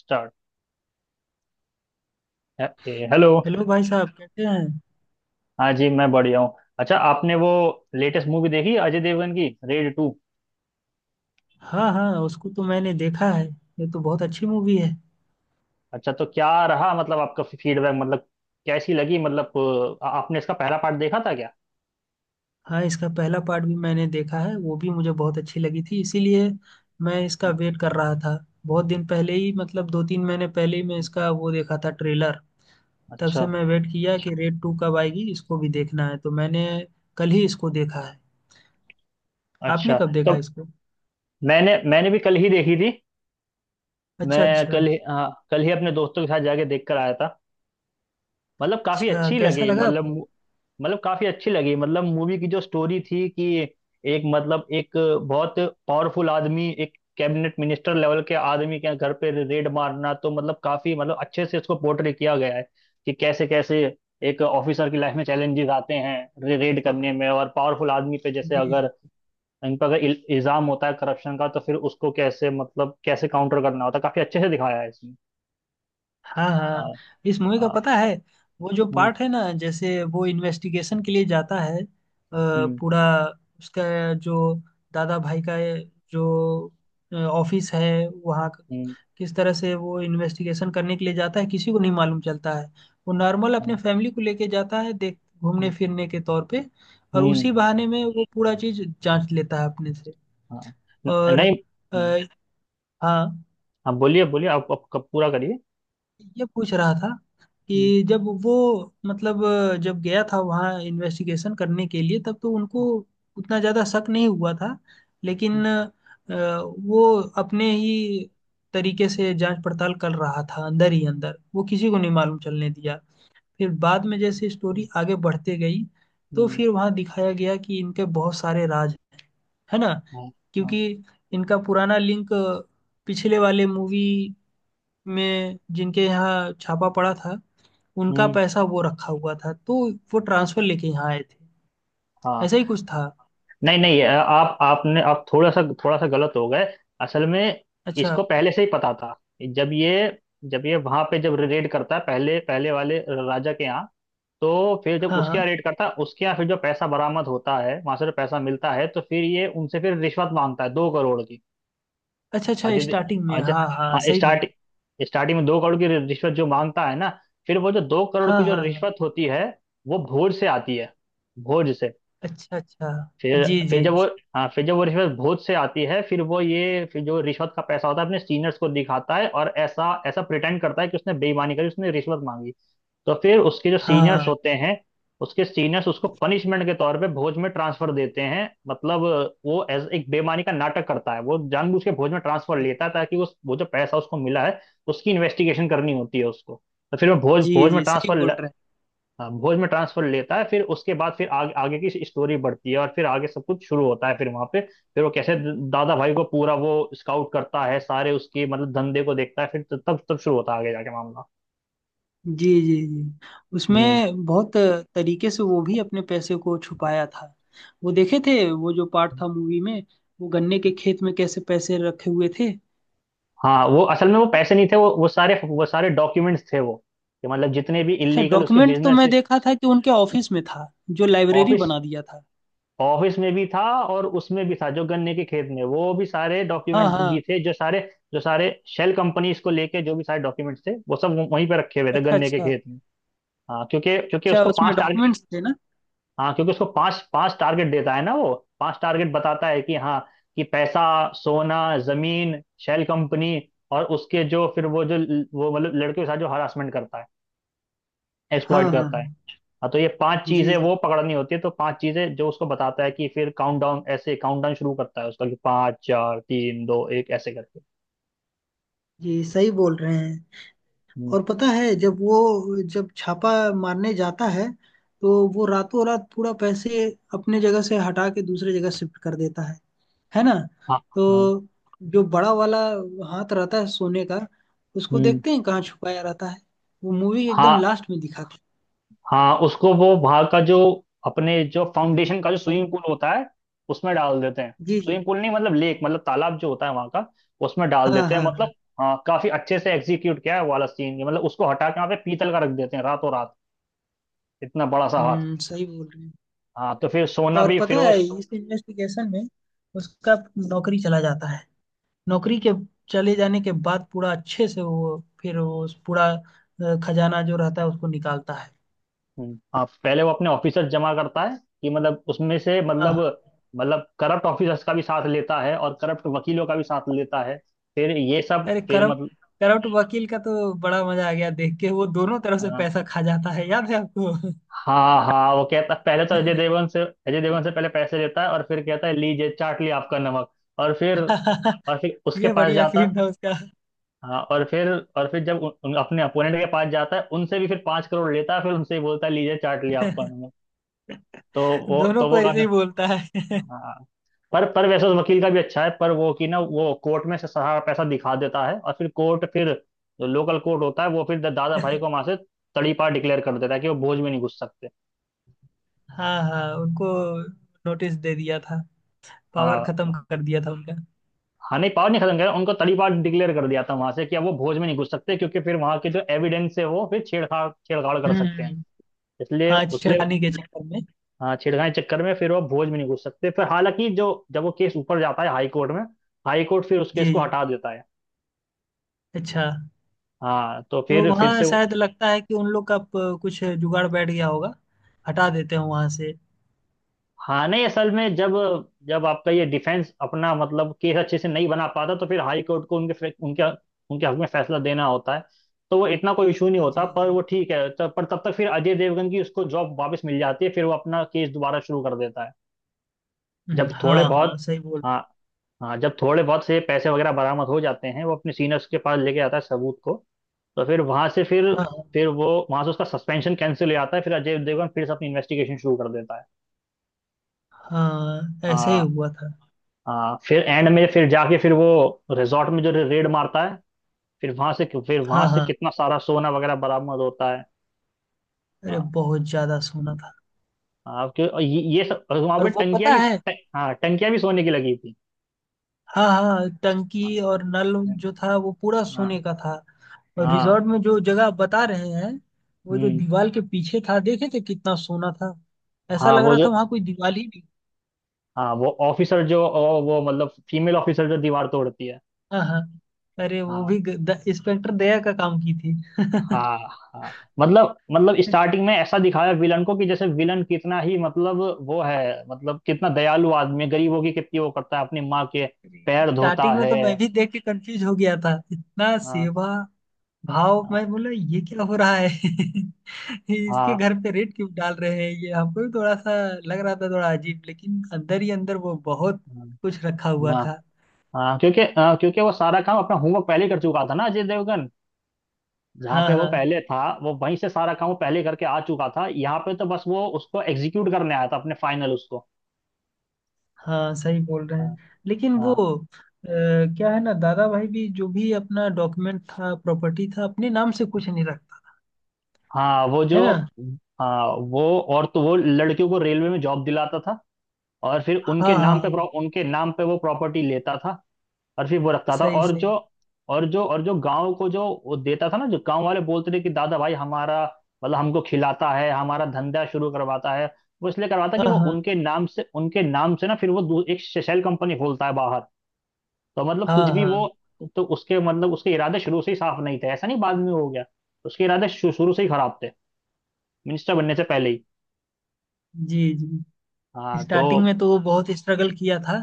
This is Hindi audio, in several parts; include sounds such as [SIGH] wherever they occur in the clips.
स्टार्ट। हेलो। हेलो भाई साहब कैसे हैं? हाँ जी, मैं बढ़िया हूँ। अच्छा, आपने वो लेटेस्ट मूवी देखी अजय देवगन की, रेड टू? हाँ हाँ, उसको तो मैंने देखा है। ये तो बहुत अच्छी मूवी है। अच्छा, तो क्या रहा, मतलब आपका फीडबैक, मतलब कैसी लगी, मतलब? आपने इसका पहला पार्ट देखा था क्या? हाँ, इसका पहला पार्ट भी मैंने देखा है, वो भी मुझे बहुत अच्छी लगी थी। इसीलिए मैं इसका वेट कर रहा था। बहुत दिन पहले ही, मतलब दो तीन महीने पहले ही मैं हम्म। इसका वो देखा था, ट्रेलर। तब से अच्छा। मैं वेट किया कि रेड टू कब आएगी, इसको भी देखना है। तो मैंने कल ही इसको देखा है। आपने अच्छा कब देखा तो इसको? मैंने मैंने भी कल ही देखी थी। अच्छा मैं अच्छा। कल ही, हाँ, कल ही अपने दोस्तों के साथ जाके देख कर आया था। मतलब काफी अच्छा, अच्छी कैसा लगी लगा मतलब आपको? मतलब काफी अच्छी लगी मतलब मूवी की जो स्टोरी थी कि एक, मतलब एक बहुत पावरफुल आदमी, एक कैबिनेट मिनिस्टर लेवल के आदमी के घर पे रेड मारना, तो मतलब काफी, मतलब अच्छे से इसको पोर्ट्रे किया गया है कि कैसे कैसे एक ऑफिसर की लाइफ में चैलेंजेस आते हैं रेड करने में, और पावरफुल आदमी पे, जैसे जी जी। अगर इन पर अगर इल्जाम होता है करप्शन का, तो फिर उसको कैसे, मतलब कैसे काउंटर करना होता है, काफी अच्छे से दिखाया है इसमें। हाँ हाँ। हाँ। इस मूवी का हाँ। पता है, वो जो हम्म। पार्ट है ना, जैसे वो इन्वेस्टिगेशन के लिए जाता है हम्म। पूरा उसका जो दादा भाई का ये जो ऑफिस है वहाँ हम्म। किस तरह से वो इन्वेस्टिगेशन करने के लिए जाता है, किसी को नहीं मालूम चलता है। वो नॉर्मल अपने फैमिली को लेके जाता है, देख घूमने हम्म। फिरने के तौर पे, और हम्म, उसी बहाने में वो पूरा चीज जांच लेता है अपने से। हाँ, और नहीं। हम्म। अ, हाँ, हाँ, बोलिए बोलिए। आप कब पूरा करिए? ये पूछ रहा था हम्म। कि जब वो मतलब जब गया था वहाँ इन्वेस्टिगेशन करने के लिए, तब तो उनको उतना ज़्यादा शक नहीं हुआ था। हम्म। लेकिन वो अपने ही तरीके से जांच पड़ताल कर रहा था, अंदर ही अंदर, वो किसी को नहीं मालूम चलने दिया। फिर बाद में जैसे स्टोरी हम्म। आगे बढ़ते गई, हम्म, तो हम्म, फिर वहाँ दिखाया गया कि इनके बहुत सारे राज हैं, है ना। हाँ। हाँ। क्योंकि इनका पुराना लिंक पिछले वाले मूवी में जिनके यहाँ छापा पड़ा था, उनका हम्म, पैसा वो रखा हुआ था। तो वो ट्रांसफर लेके यहाँ आए थे, हाँ। ऐसा ही कुछ था। नहीं नहीं, ये आप थोड़ा सा गलत हो गए। असल में अच्छा। इसको पहले से ही पता था। जब ये जब ये वहां पे जब रेड करता है पहले, पहले वाले राजा के यहाँ। तो फिर जब हाँ उसके यहाँ हाँ, रेड करता है, उसके यहाँ फिर जो पैसा बरामद होता है, वहां से जो पैसा मिलता है, तो फिर ये उनसे फिर रिश्वत मांगता है, 2 करोड़ की। अच्छा अच्छा। अजय दे- स्टार्टिंग में अजय, हाँ हाँ, हाँ, सही बोली। स्टार्टिंग में 2 करोड़ की रिश्वत जो मांगता है ना, फिर वो जो 2 करोड़ हाँ की जो हाँ हाँ। रिश्वत होती है, वो भोज से आती है, भोज से। अच्छा अच्छा। फिर जी फिर जी जब वो, जी। हाँ, फिर जब वो रिश्वत भोज से आती है, फिर वो, ये फिर जो रिश्वत का पैसा होता है, अपने सीनियर्स को दिखाता है और ऐसा ऐसा प्रिटेंड करता है कि उसने बेईमानी करी, उसने रिश्वत मांगी। तो फिर उसके जो हाँ सीनियर्स हाँ, होते हैं, उसके सीनियर्स उसको पनिशमेंट के तौर पे भोज में ट्रांसफर देते हैं, मतलब वो एज, एक बेईमानी का नाटक करता है। वो जानबूझ के भोज में ट्रांसफर लेता है ताकि उस, वो जो पैसा उसको मिला है, उसकी इन्वेस्टिगेशन करनी होती है उसको। तो फिर वो भोज जी भोज में जी, सही ट्रांसफर, बोल रहे हाँ, भोज में ट्रांसफर लेता है। फिर उसके बाद फिर आगे, आगे की स्टोरी बढ़ती है और फिर आगे सब कुछ शुरू होता है फिर वहां पे। फिर वो कैसे दादा भाई को पूरा वो स्काउट करता है, सारे उसके मतलब धंधे को देखता है, फिर तब, तब शुरू होता है आगे जाके मामला। हैं। जी जी जी। हम्म। उसमें बहुत तरीके से वो भी अपने पैसे को छुपाया था। वो देखे थे वो जो पार्ट था मूवी में, वो गन्ने के खेत में कैसे पैसे रखे हुए थे, हाँ, वो असल में वो याद है? पैसे नहीं थे, वो सारे, वो सारे डॉक्यूमेंट्स थे वो, कि मतलब जितने भी अच्छा, इलीगल उसके डॉक्यूमेंट तो बिजनेस। मैं देखा था कि उनके ऑफिस में था, जो लाइब्रेरी ऑफिस, बना दिया था। ऑफिस में भी था और उसमें भी था, जो गन्ने के खेत में वो भी सारे हाँ डॉक्यूमेंट्स भी हाँ। थे। जो सारे, जो सारे शेल कंपनीज को लेके जो भी सारे डॉक्यूमेंट्स थे, वो सब वहीं पे रखे हुए थे अच्छा गन्ने के अच्छा। खेत में। हाँ, क्योंकि क्योंकि अच्छा, उसको उसमें पांच टारगेट, डॉक्यूमेंट्स थे ना? हाँ, क्योंकि उसको पांच पांच टारगेट देता है ना वो। पांच टारगेट बताता है कि हाँ, कि पैसा, सोना, जमीन, शेल कंपनी, और उसके जो, फिर वो जो, वो मतलब लड़के के साथ जो हरासमेंट करता है, हाँ एक्सप्लॉइट हाँ करता है। हाँ, हाँ, तो ये पांच जी चीजें जी वो पकड़नी होती है, तो पांच चीजें जो उसको बताता है कि फिर काउंटडाउन, ऐसे काउंटडाउन शुरू करता है उसका कि पांच, चार, तीन, दो, एक, ऐसे करके। जी, सही बोल रहे हैं। हम्म, और पता है, जब वो जब छापा मारने जाता है, तो वो रातों रात पूरा पैसे अपने जगह से हटा के दूसरे जगह शिफ्ट कर देता है ना। हाँ। तो हाँ। जो बड़ा वाला हाथ रहता है सोने का, उसको हम्म। देखते हैं कहाँ छुपाया रहता है, वो मूवी एकदम हाँ। लास्ट में दिखा। हाँ, उसको वो वहां का जो, अपने जो फाउंडेशन का जो हाँ। स्विमिंग पूल होता है, उसमें डाल देते हैं। जी जी। स्विमिंग पूल नहीं, मतलब लेक, मतलब तालाब जो होता है वहां का, उसमें डाल हाँ देते हैं, हाँ मतलब। हाँ। हाँ, काफी अच्छे से एग्जीक्यूट किया है वो वाला सीन, मतलब उसको हटा के वहां पे पीतल का रख देते हैं, रातों रात, इतना बड़ा सा हाथ। हम्म, सही बोल रहे हैं। हाँ, तो फिर सोना और भी पता फिर वो, है, इस इन्वेस्टिगेशन में उसका नौकरी चला जाता है। नौकरी के चले जाने के बाद पूरा अच्छे से वो फिर वो उस पूरा खजाना जो रहता है उसको निकालता है। हाँ, पहले वो अपने ऑफिसर्स जमा करता है कि मतलब उसमें से, हाँ मतलब, हाँ। मतलब करप्ट ऑफिसर्स का भी साथ लेता है और करप्ट वकीलों का भी साथ लेता है, फिर ये सब अरे, फिर, करप्ट मतलब। करप्ट वकील का तो बड़ा मजा आ गया देख के। वो दोनों तरफ से हाँ। पैसा खा जाता है, याद है आपको? हाँ हाँ, वो कहता पहले तो अजय देवगन से, अजय देवगन से पहले पैसे लेता है और फिर कहता है, लीजिए चाट लिया आपका नमक। और फिर, [LAUGHS] और फिर उसके ये पास बढ़िया जाता, सीन था उसका। हाँ, और फिर, और फिर जब उन, अपने अपोनेंट के पास जाता है, उनसे भी फिर 5 करोड़ लेता है, फिर उनसे ही बोलता है, लीजिए चाट लिया आपका नमक। तो दोनों तो को वो ऐसे काफी, ही बोलता है। [LAUGHS] हाँ। पर वैसे तो वकील का भी अच्छा है, पर वो कि ना वो कोर्ट में से सारा पैसा दिखा देता है और फिर कोर्ट फिर, जो लोकल कोर्ट होता है, वो फिर दादा भाई को वहां से तड़ीपार डिक्लेयर कर देता है कि वो भोज में नहीं घुस सकते। हाँ हाँ, उनको नोटिस दे दिया था, पावर हाँ खत्म कर दिया था उनका। हाँ, नहीं पावर नहीं खत्म कर, उनको तड़ीपार डिक्लेयर कर दिया था वहां से कि अब वो भोज में नहीं घुस सकते क्योंकि फिर वहां के जो एविडेंस है, वो फिर छेड़छाड़, छेड़छाड़ कर सकते हैं, हम्म। इसलिए हाँ, उसले। छेड़खानी के चक्कर में। हाँ, छेड़खानी के चक्कर में फिर वो भोज में नहीं घुस सकते। फिर हालांकि जो, जब वो केस ऊपर जाता है हाई कोर्ट में, हाई कोर्ट फिर उस केस जी को जी। हटा देता है। अच्छा, हाँ, तो तो फिर वहाँ से, शायद लगता है कि उन लोग का कुछ जुगाड़ बैठ गया होगा, हटा देते हैं वहाँ से। हाँ, नहीं असल में जब, जब आपका ये डिफेंस अपना, मतलब केस अच्छे से नहीं बना पाता, तो फिर हाई कोर्ट को उनके उनके, उनके हक में फैसला देना होता है, तो वो इतना कोई इशू नहीं होता। जी पर जी। वो ठीक है, तब पर तब तक फिर अजय देवगन की उसको जॉब वापस मिल जाती है, फिर वो अपना केस दोबारा शुरू कर देता है। जब थोड़े हाँ हाँ, बहुत, सही बोल। हाँ। हाँ, जब थोड़े बहुत से पैसे वगैरह बरामद हो जाते हैं, वो अपने सीनियर्स के पास लेके आता है सबूत को, तो फिर वहां से फिर हाँ हाँ फिर वो वहां से उसका सस्पेंशन कैंसिल हो जाता है, फिर अजय देवगन फिर से अपनी इन्वेस्टिगेशन शुरू कर देता है। हाँ, ऐसे ही हाँ, हुआ था। हाँ फिर एंड में फिर जाके फिर वो रिजॉर्ट में जो रेड मारता है, फिर वहां से, फिर वहां हाँ से हाँ, कितना सारा सोना वगैरह बरामद होता है। अरे हाँ, बहुत ज्यादा सोना था। हाँ क्यों। और ये सब वहां और पे वो टंकियां पता भी, है। हाँ, टंकियां भी सोने की लगी थी। हाँ हाँ, टंकी हाँ। और नल जो था वो पूरा हाँ। सोने का था। और हाँ। रिजॉर्ट में जो जगह बता रहे हैं, वो जो हम्म। दीवार के पीछे था, देखे थे कितना सोना था। ऐसा हाँ, लग वो रहा जो, था वहां कोई दीवार ही नहीं। हाँ, वो ऑफिसर जो, वो मतलब फीमेल ऑफिसर जो दीवार तोड़ती है। हाँ हाँ, अरे वो हाँ। भी इंस्पेक्टर दया का काम की थी। हाँ। हाँ, मतलब, मतलब स्टार्टिंग में ऐसा दिखाया विलन को कि जैसे विलन कितना ही, मतलब वो है मतलब, कितना दयालु आदमी है, गरीबों की कितनी वो करता है, अपनी माँ के [LAUGHS] पैर धोता स्टार्टिंग में है। तो मैं भी देख के कंफ्यूज हो गया था, इतना हाँ। सेवा भाव। हाँ। मैं बोला, ये क्या हो रहा है? [LAUGHS] इसके हाँ। घर पे रेड क्यों डाल रहे हैं, ये हमको भी थोड़ा सा लग रहा था, थोड़ा अजीब। लेकिन अंदर ही अंदर वो बहुत कुछ रखा हुआ हाँ। था। हाँ, क्योंकि, हाँ, क्योंकि वो सारा काम अपना होमवर्क पहले कर चुका था ना अजय देवगन। जहाँ हाँ पे वो हाँ पहले था, वो वहीं से सारा काम वो पहले करके आ चुका था, यहाँ पे तो बस वो उसको एग्जीक्यूट करने आया था, अपने फाइनल, उसको। हाँ, सही बोल रहे हाँ। हैं। लेकिन वो हाँ। अ, क्या है ना, दादा भाई भी जो भी अपना डॉक्यूमेंट था, प्रॉपर्टी था, अपने नाम से कुछ नहीं रखता, हाँ, वो है जो, ना। हाँ वो, और तो वो लड़कियों को रेलवे में जॉब दिलाता था और फिर उनके हाँ हाँ नाम पे हाँ। उनके नाम पे वो प्रॉपर्टी लेता था। और फिर वो रखता था, सही और सही। जो और जो और जो गांव को जो वो देता था ना, जो गांव वाले बोलते थे कि दादा भाई हमारा, मतलब हमको खिलाता है, हमारा धंधा शुरू करवाता है, वो इसलिए करवाता कि हाँ वो हाँ उनके नाम से, उनके नाम से ना फिर वो एक शेल कंपनी खोलता है बाहर। तो मतलब हाँ कुछ भी वो, हाँ। तो उसके मतलब, उसके इरादे शुरू से ही साफ नहीं थे, ऐसा नहीं बाद में हो गया। उसके इरादे शुरू से ही खराब थे, मिनिस्टर बनने से पहले ही। जी जी। हाँ स्टार्टिंग तो, में तो वो बहुत स्ट्रगल किया था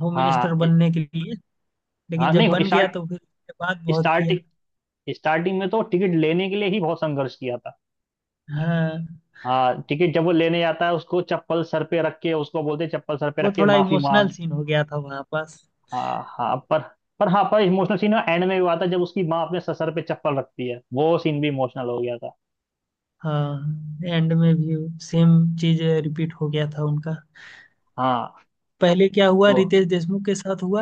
होम मिनिस्टर हाँ इ-, बनने के लिए। लेकिन हाँ, जब नहीं बन गया स्टार्ट तो फिर उसके बाद बहुत स्टार्ट किया। स्टार्टिंग में तो टिकट लेने के लिए ही बहुत संघर्ष किया था। हाँ, हाँ, टिकट जब वो लेने जाता है, उसको चप्पल सर पे रख के उसको बोलते हैं, चप्पल सर पे वो रख के थोड़ा माफी इमोशनल मांग। सीन हो गया था वहाँ पास। हाँ हाँ पर हाँ, पर इमोशनल सीन एंड में हुआ था जब उसकी माँ अपने सर, सर पे चप्पल रखती है, वो सीन भी इमोशनल हो गया था। हाँ, एंड में भी सेम चीज रिपीट हो गया था उनका। हाँ, पहले क्या हुआ, तो, रितेश देशमुख के साथ हुआ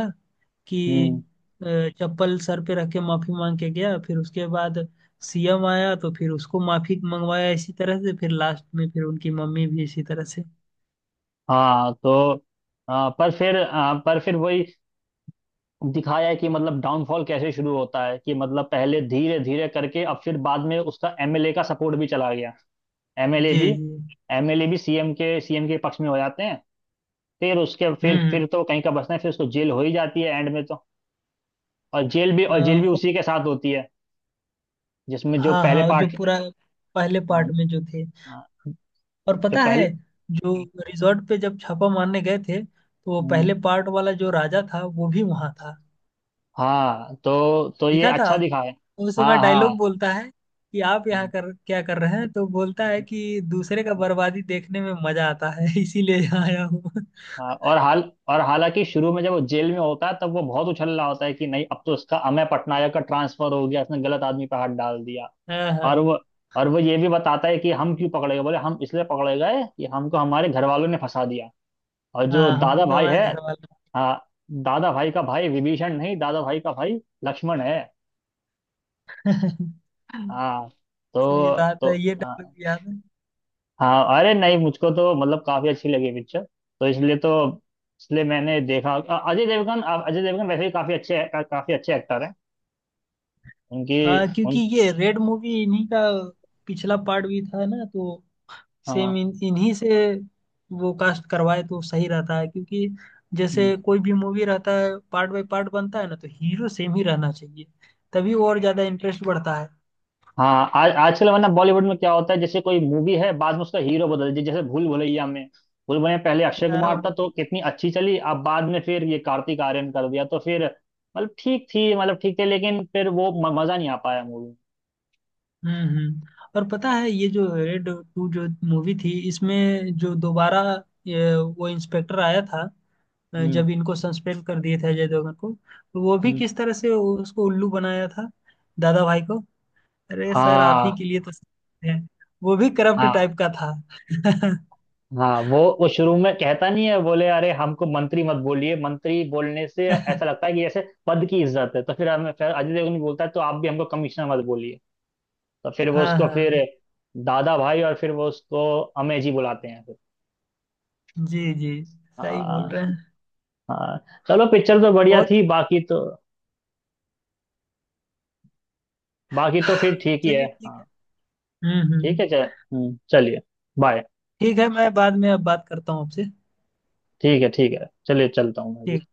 कि हम्म, अ, चप्पल सर पे रख के माफी मांग के गया। फिर उसके बाद सीएम आया तो फिर उसको माफी मंगवाया। इसी तरह से फिर लास्ट में फिर उनकी मम्मी भी इसी तरह से। हाँ तो, हाँ पर फिर, हाँ, पर फिर वही दिखाया है कि मतलब डाउनफॉल कैसे शुरू होता है कि मतलब पहले धीरे धीरे करके अब फिर बाद में उसका एमएलए का सपोर्ट भी चला गया। एमएलए जी भी, जी। एमएलए भी सीएम के, सीएम के पक्ष में हो जाते हैं, फिर उसके फिर हम्म। तो कहीं का बसना है, फिर उसको जेल हो ही जाती है एंड में तो। और जेल भी, अ, और जेल भी उसी के साथ होती है जिसमें जो हाँ पहले हाँ, जो पार्ट, पूरा पहले हाँ, पार्ट में जो थे। हाँ, और जो पता है, पहले, जो रिजॉर्ट पे जब छापा मारने गए थे, तो वो हम्म, पहले पार्ट वाला जो राजा था वो भी वहां था, हाँ, तो ये दिखा था। अच्छा दिखा है। उस समय हाँ। हाँ। डायलॉग बोलता है कि आप यहाँ हम्म, कर क्या कर रहे हैं? तो बोलता है कि दूसरे का बर्बादी देखने में मजा आता है, [LAUGHS] इसीलिए यहाँ आया हूँ। [LAUGHS] हाँ, और हाल, और हालांकि शुरू में जब वो जेल में होता है, तब वो बहुत उछल रहा होता है कि नहीं, अब तो इसका अमय पटनायक का ट्रांसफर हो गया, इसने गलत आदमी पर हाथ डाल दिया। हाँ और हाँ वो, और वो ये भी बताता है कि हम क्यों पकड़े गए, बोले हम इसलिए पकड़े गए कि हमको हमारे घर वालों ने फंसा दिया। और हाँ, जो दादा हमको तो भाई हमारे है, घर वाला। हाँ, दादा भाई का भाई विभीषण नहीं, दादा भाई का भाई लक्ष्मण है। [LAUGHS] हाँ, सही तो बात तो है, ये डायलॉग हाँ, याद है। हाँ, अरे नहीं, मुझको तो मतलब काफी अच्छी लगी पिक्चर। तो इसलिए तो, इसलिए मैंने देखा, अजय देवगन, अजय देवगन वैसे ही काफी अच्छे का, काफी अच्छे एक्टर हैं। उनकी, हाँ क्योंकि उनकी, ये रेड मूवी इन्हीं का पिछला पार्ट भी था ना, तो हाँ। सेम इन इन्हीं से वो कास्ट करवाए तो सही रहता है। क्योंकि हम्म। जैसे कोई भी मूवी रहता है पार्ट बाय पार्ट बनता है ना, तो हीरो सेम ही रहना चाहिए, तभी और ज्यादा इंटरेस्ट बढ़ता है। हाँ, आज, आजकल वरना बॉलीवुड में क्या होता है, जैसे कोई मूवी है, बाद में उसका हीरो बदल, जैसे भूल भुलैया में, भूल भुलैया पहले अक्षय कुमार हाँ, था तो कितनी अच्छी चली, अब बाद में फिर ये कार्तिक आर्यन कर दिया तो फिर मतलब ठीक थी, मतलब ठीक थे, लेकिन फिर वो मजा नहीं आ पाया मूवी। हम्म। और पता है, ये जो रेड टू जो मूवी थी, इसमें जो दोबारा वो इंस्पेक्टर आया था हम्म। जब इनको सस्पेंड कर दिए थे अजय देवगन को, तो वो भी हम्म। किस तरह से उसको उल्लू बनाया था, दादा भाई को। अरे सर, आप हाँ। ही के लिए तो सीखे हैं। वो भी करप्ट हाँ। टाइप का था। [LAUGHS] हाँ, वो शुरू में कहता नहीं है, बोले अरे हमको मंत्री मत बोलिए, मंत्री बोलने से ऐसा लगता है कि जैसे पद की इज्जत है, तो फिर हमें, फिर अजय देवगन भी बोलता है तो आप भी हमको कमिश्नर मत बोलिए। तो फिर वो हाँ उसको हाँ। फिर दादा भाई, और फिर वो उसको अमेजी बुलाते हैं फिर। जी जी, सही बोल हाँ। रहे हैं। हाँ। चलो पिक्चर तो बढ़िया बहुत। थी, बाकी तो, बाकी तो फिर ठीक ही है। चलिए ठीक हाँ, है। ठीक हम्म। है चल, चलिए, बाय। ठीक है, मैं बाद में अब बात करता हूँ आपसे। ठीक है, ठीक है, चलिए, चलता हूँ मैं भी। ठीक